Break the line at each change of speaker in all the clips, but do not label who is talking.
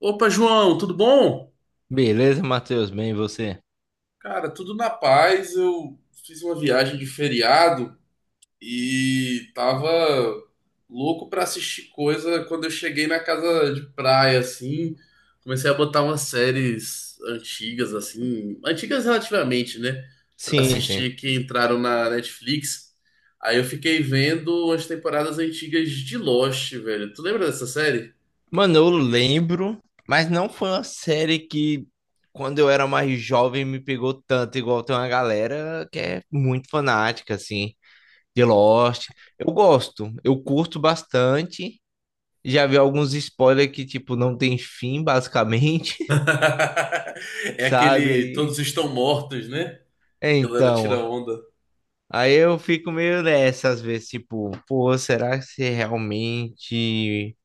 Opa, João, tudo bom?
Beleza, Matheus? Bem, e você?
Cara, tudo na paz. Eu fiz uma viagem de feriado e tava louco pra assistir coisa quando eu cheguei na casa de praia, assim. Comecei a botar umas séries antigas, assim, antigas relativamente, né? Pra
Sim, sim.
assistir que entraram na Netflix. Aí eu fiquei vendo as temporadas antigas de Lost, velho. Tu lembra dessa série?
Mano, eu lembro, mas não foi uma série que, quando eu era mais jovem, me pegou tanto, igual tem uma galera que é muito fanática, assim, de Lost. Eu curto bastante. Já vi alguns spoilers que, tipo, não tem fim, basicamente,
É
sabe?
aquele Todos Estão Mortos, né?
É,
Galera, tira
então,
onda.
aí eu fico meio nessa, às vezes, tipo, pô, será que se realmente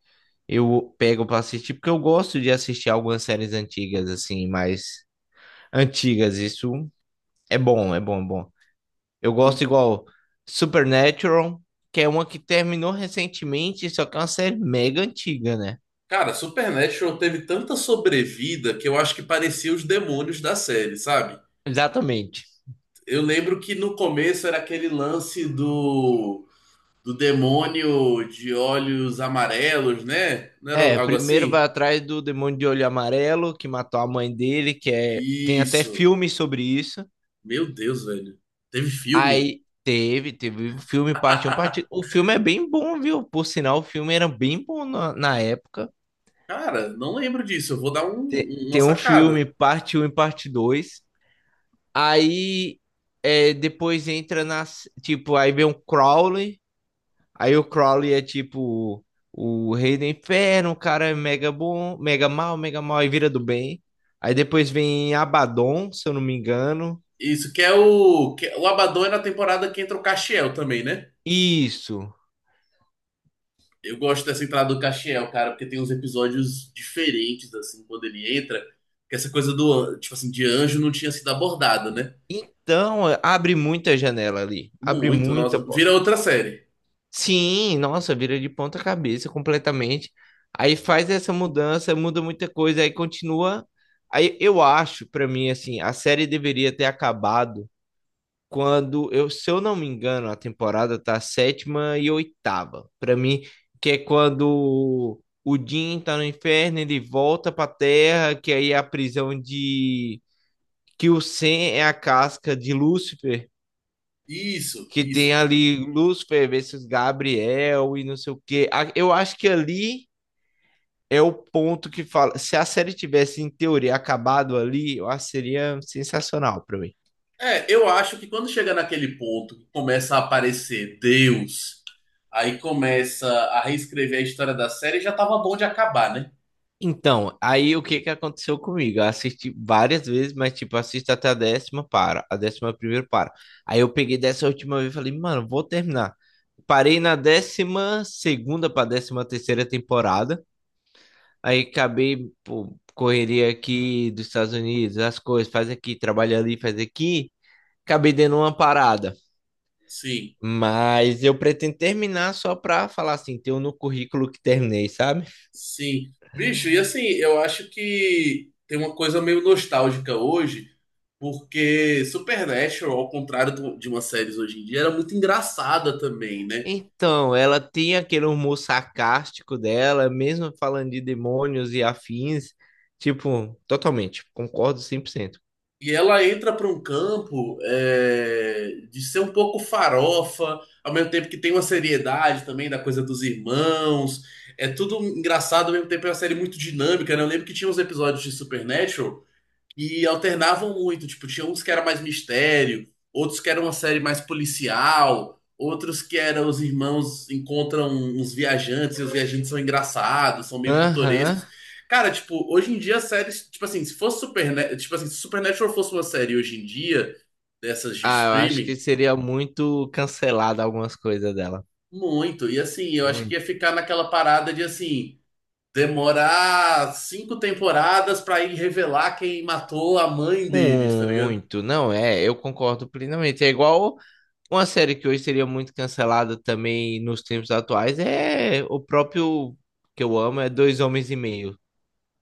eu pego pra assistir, porque eu gosto de assistir algumas séries antigas, assim, mais antigas. Isso é bom, é bom, é bom. Eu gosto igual Supernatural, que é uma que terminou recentemente, só que é uma série mega antiga, né?
Cara, Supernatural teve tanta sobrevida que eu acho que parecia os demônios da série, sabe?
Exatamente.
Eu lembro que no começo era aquele lance do demônio de olhos amarelos, né? Não era
É,
algo
primeiro vai
assim?
atrás do Demônio de Olho Amarelo, que matou a mãe dele, que é. Tem até
Isso.
filme sobre isso.
Meu Deus, velho. Teve filme?
Aí teve, teve o filme parte um parte. O filme é bem bom, viu? Por sinal, o filme era bem bom na época.
Cara, não lembro disso. Eu vou dar
Tem,
uma
tem um filme,
sacada.
parte um e parte dois. Aí é, depois entra na s- Tipo, aí vem o Crowley. Aí o Crowley é tipo o rei do inferno, o cara é mega bom, mega mal, e vira do bem. Aí depois vem Abaddon, se eu não me engano.
Isso. É o Abaddon é na temporada que entra o Castiel também, né?
Isso.
Eu gosto dessa entrada do Castiel, cara, porque tem uns episódios diferentes, assim, quando ele entra, que essa coisa tipo assim, de anjo não tinha sido abordada, né?
Então, abre muita janela ali. Abre
Muito,
muita
nossa. Vira
porta.
outra série.
Sim, nossa, vira de ponta cabeça completamente. Aí faz essa mudança, muda muita coisa, aí continua. Aí eu acho, pra mim, assim, a série deveria ter acabado quando eu, se eu não me engano, a temporada tá sétima e oitava. Pra mim, que é quando o Jim tá no inferno, ele volta pra Terra, que aí é a prisão de que o Sen é a casca de Lúcifer,
Isso,
que tem
isso.
ali Lúcifer versus Gabriel e não sei o quê. A- Eu acho que ali é o ponto que fala. Se a série tivesse, em teoria, acabado ali, eu acho que seria sensacional pra mim.
É, eu acho que quando chega naquele ponto que começa a aparecer Deus, aí começa a reescrever a história da série, já tava bom de acabar, né?
Então, aí o que que aconteceu comigo? Eu assisti várias vezes, mas tipo, assisto até a décima, para. A décima primeira, para. Aí eu peguei dessa última vez e falei, mano, vou terminar. Parei na décima segunda pra décima terceira temporada. Aí acabei, pô, correria aqui dos Estados Unidos, as coisas, faz aqui, trabalha ali, faz aqui. Acabei dando uma parada.
Sim.
Mas eu pretendo terminar só pra falar assim, ter um no currículo que terminei, sabe?
Sim. Bicho, e assim, eu acho que tem uma coisa meio nostálgica hoje, porque Supernatural, ao contrário de umas séries hoje em dia, era muito engraçada também, né?
Então, ela tem aquele humor sarcástico dela, mesmo falando de demônios e afins. Tipo, totalmente, concordo 100%.
E ela entra para um campo de ser um pouco farofa, ao mesmo tempo que tem uma seriedade também da coisa dos irmãos. É tudo engraçado, ao mesmo tempo é uma série muito dinâmica, né? Eu lembro que tinha uns episódios de Supernatural. E alternavam muito, tipo, tinha uns que era mais mistério, outros que era uma série mais policial, outros que eram os irmãos encontram uns viajantes e os viajantes são engraçados, são meio
Aham.
pitorescos. Cara, tipo, hoje em dia as séries, tipo assim, se fosse Supernatural, tipo assim, se Supernatural fosse uma série hoje em dia, dessas de
Ah, eu acho que
streaming,
seria muito cancelado algumas coisas dela.
muito. E assim, eu acho que ia
Muito.
ficar naquela parada de assim, demorar cinco temporadas pra ir revelar quem matou a mãe deles, tá ligado?
Muito, não é, eu concordo plenamente. É igual uma série que hoje seria muito cancelada também nos tempos atuais, é o próprio que eu amo, é Dois Homens e Meio.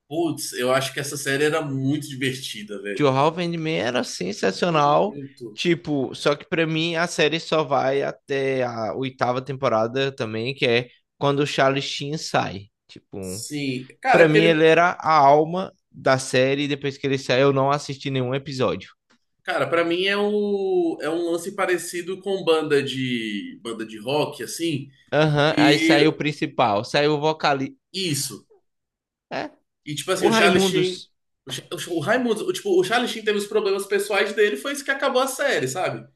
Putz, eu acho que essa série era muito divertida,
Two
velho.
Half and Men era sensacional,
Muito.
tipo, só que pra mim a série só vai até a oitava temporada também, que é quando o Charlie Sheen sai. Tipo,
Sim. Cara,
pra
porque
mim ele
ele,
era a alma da série, e depois que ele saiu eu não assisti nenhum episódio.
cara, para mim é o é um lance parecido com banda de rock assim,
Aham, aí saiu o
e
principal, saiu o vocalista.
isso. E tipo assim,
O
o Charlie Sheen,
Raimundos.
o Raimundo, tipo, o Charlie Sheen teve os problemas pessoais dele, foi isso que acabou a série, sabe?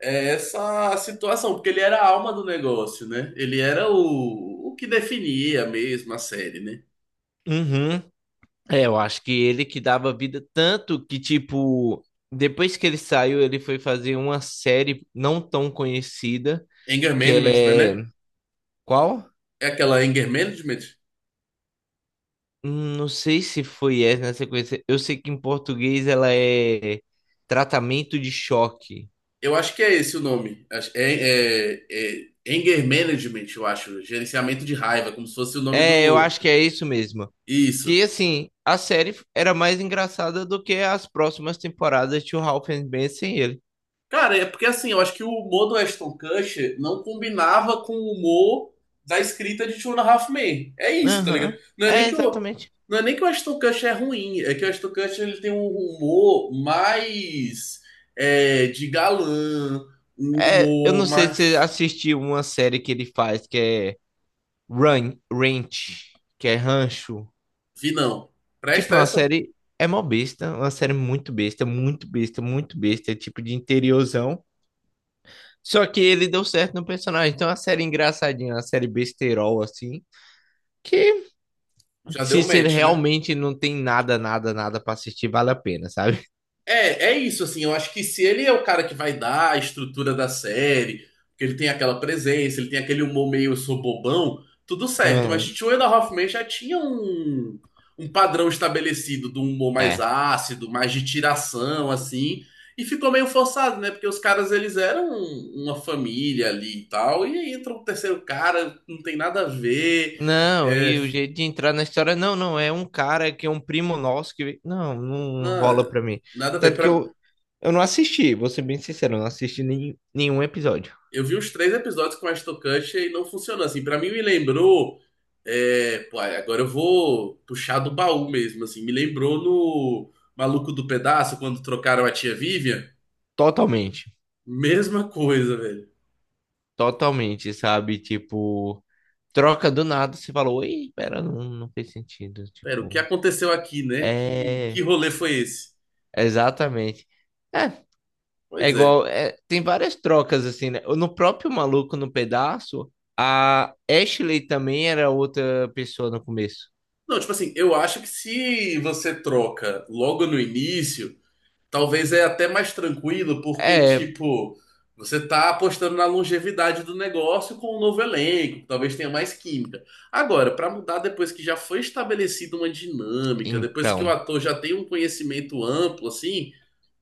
É essa a situação, porque ele era a alma do negócio, né? Ele era o que definia mesmo a série, né?
Uhum. É, eu acho que ele que dava vida tanto que, tipo, depois que ele saiu, ele foi fazer uma série não tão conhecida,
Anger
que
Management,
é.
né?
Qual?
É aquela Anger Management?
Não sei se foi essa na sequência. Eu sei que em português ela é Tratamento de Choque.
Eu acho que é esse o nome. É Anger Management, eu acho. Gerenciamento de raiva, como se fosse o nome
É, eu
do.
acho que é isso mesmo.
Isso.
Que assim, a série era mais engraçada do que as próximas temporadas de O Ralph and Ben sem ele.
Cara, é porque assim, eu acho que o humor do Ashton Kutcher não combinava com o humor da escrita de Two and a Half Men. É isso, tá ligado?
Aham.
Não é
É,
nem que o,
exatamente.
não é nem que o Ashton Kutcher é ruim, é que o Ashton Kutcher ele tem um humor mais de galã, um
É, eu não
humor
sei se você
mais.
assistiu uma série que ele faz que é Run, Ranch, que é Rancho.
Vi não. Presta
Tipo, é uma
essa?
série. É mó besta, uma série muito besta, muito besta, muito besta, tipo de interiorzão. Só que ele deu certo no personagem. Então é uma série engraçadinha, uma série besterol, assim. Que
Já
se
deu
você
match, né?
realmente não tem nada, nada, nada pra assistir, vale a pena, sabe?
É, é isso, assim, eu acho que se ele é o cara que vai dar a estrutura da série, porque ele tem aquela presença, ele tem aquele humor meio eu sou bobão, tudo certo, mas
Uhum.
Two and a Half Men já tinha um padrão estabelecido do humor mais
É.
ácido, mais de tiração, assim, e ficou meio forçado, né? Porque os caras, eles eram uma família ali e tal, e aí entra um terceiro cara, não tem nada a ver,
Não,
é,
e o jeito de entrar na história, não, não, é um cara que é um primo nosso que. Não, não rola
na-
pra mim.
nada a ver.
Tanto que
Pra
eu não assisti, vou ser bem sincero, eu não assisti nem, nenhum episódio.
Eu vi os três episódios com a Estocante e não funcionou. Assim, pra mim me lembrou. Pô, agora eu vou puxar do baú mesmo, assim. Me lembrou no Maluco do Pedaço, quando trocaram a tia Vivian.
Totalmente,
Mesma coisa, velho.
totalmente, sabe? Tipo, troca do nada, você falou, oi, pera, não, não fez sentido.
Pera, o que
Tipo,
aconteceu aqui, né?
é,
Que rolê foi esse?
exatamente. É, é
Pois é.
igual, é, tem várias trocas assim, né? No próprio Maluco no Pedaço, a Ashley também era outra pessoa no começo.
Não, tipo assim, eu acho que se você troca logo no início. Talvez é até mais tranquilo, porque,
É,
tipo, você tá apostando na longevidade do negócio com um novo elenco, talvez tenha mais química. Agora, para mudar depois que já foi estabelecida uma dinâmica, depois que o
então.
ator já tem um conhecimento amplo, assim,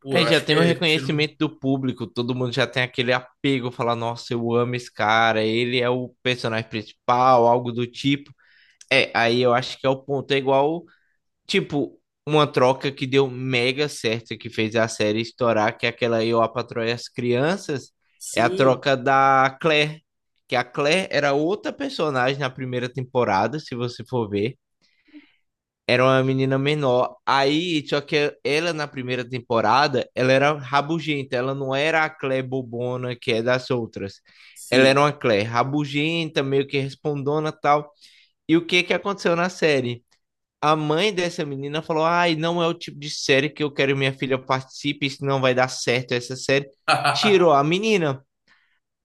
pô, eu
Aí já
acho que
tem o
é tiro.
reconhecimento do público, todo mundo já tem aquele apego, falar, nossa, eu amo esse cara, ele é o personagem principal, algo do tipo. É, aí eu acho que é o ponto. É igual, tipo, uma troca que deu mega certo, que fez a série estourar, que é aquela Eu, a Patroa e as Crianças, é a
Sim,
troca da Claire. Que a Claire era outra personagem na primeira temporada, se você for ver. Era uma menina menor. Aí, só que ela na primeira temporada, ela era rabugenta, ela não era a Clé bobona que é das outras. Ela era
sim.
uma Clé rabugenta, meio que respondona e tal. E o que que aconteceu na série? A mãe dessa menina falou: "Ai, não é o tipo de série que eu quero que minha filha participe, isso não vai dar certo essa série". Tirou a menina.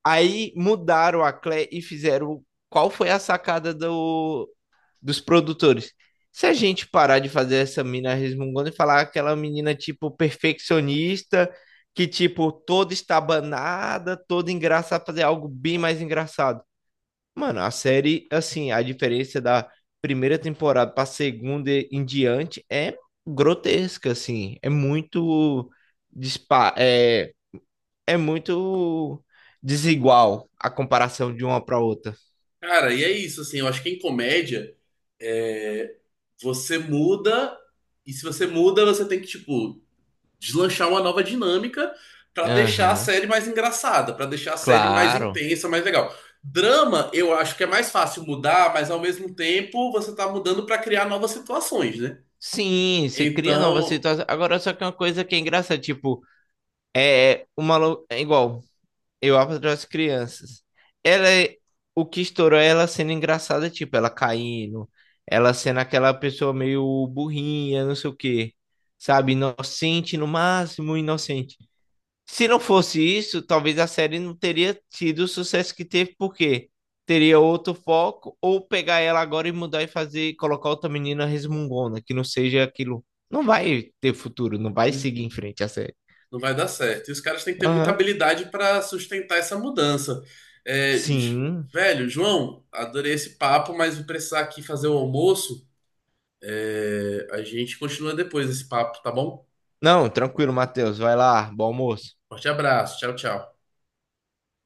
Aí mudaram a Clé e fizeram qual foi a sacada do dos produtores. Se a gente parar de fazer essa mina resmungona e falar aquela menina, tipo, perfeccionista, que, tipo, toda estabanada, toda engraçada, fazer algo bem mais engraçado. Mano, a série, assim, a diferença da primeira temporada pra segunda em diante é grotesca, assim. É muito dispa- É, é muito desigual a comparação de uma pra outra.
Cara, e é isso, assim, eu acho que em comédia, é, você muda, e se você muda, você tem que, tipo, deslanchar uma nova dinâmica para deixar a
Aham,
série mais engraçada, para deixar a série mais
claro.
intensa, mais legal. Drama, eu acho que é mais fácil mudar, mas ao mesmo tempo você tá mudando para criar novas situações, né?
Sim, você cria novas
Então,
situações. Agora, só que é uma coisa que é engraçada, tipo, é uma lou- é igual, eu apedrejo as crianças. Ela é- o que estourou é ela sendo engraçada, tipo, ela caindo, ela sendo aquela pessoa meio burrinha, não sei o quê. Sabe, inocente no máximo, inocente. Se não fosse isso, talvez a série não teria tido o sucesso que teve, porque teria outro foco, ou pegar ela agora e mudar e fazer, colocar outra menina resmungona, que não seja aquilo. Não vai ter futuro, não vai seguir em frente a série.
não vai dar certo. E os caras têm que ter muita
Aham.
habilidade para sustentar essa mudança. É,
Sim.
velho, João, adorei esse papo, mas vou precisar aqui fazer o almoço. É, a gente continua depois desse papo, tá bom?
Não, tranquilo, Matheus. Vai lá, bom almoço.
Forte abraço, tchau, tchau.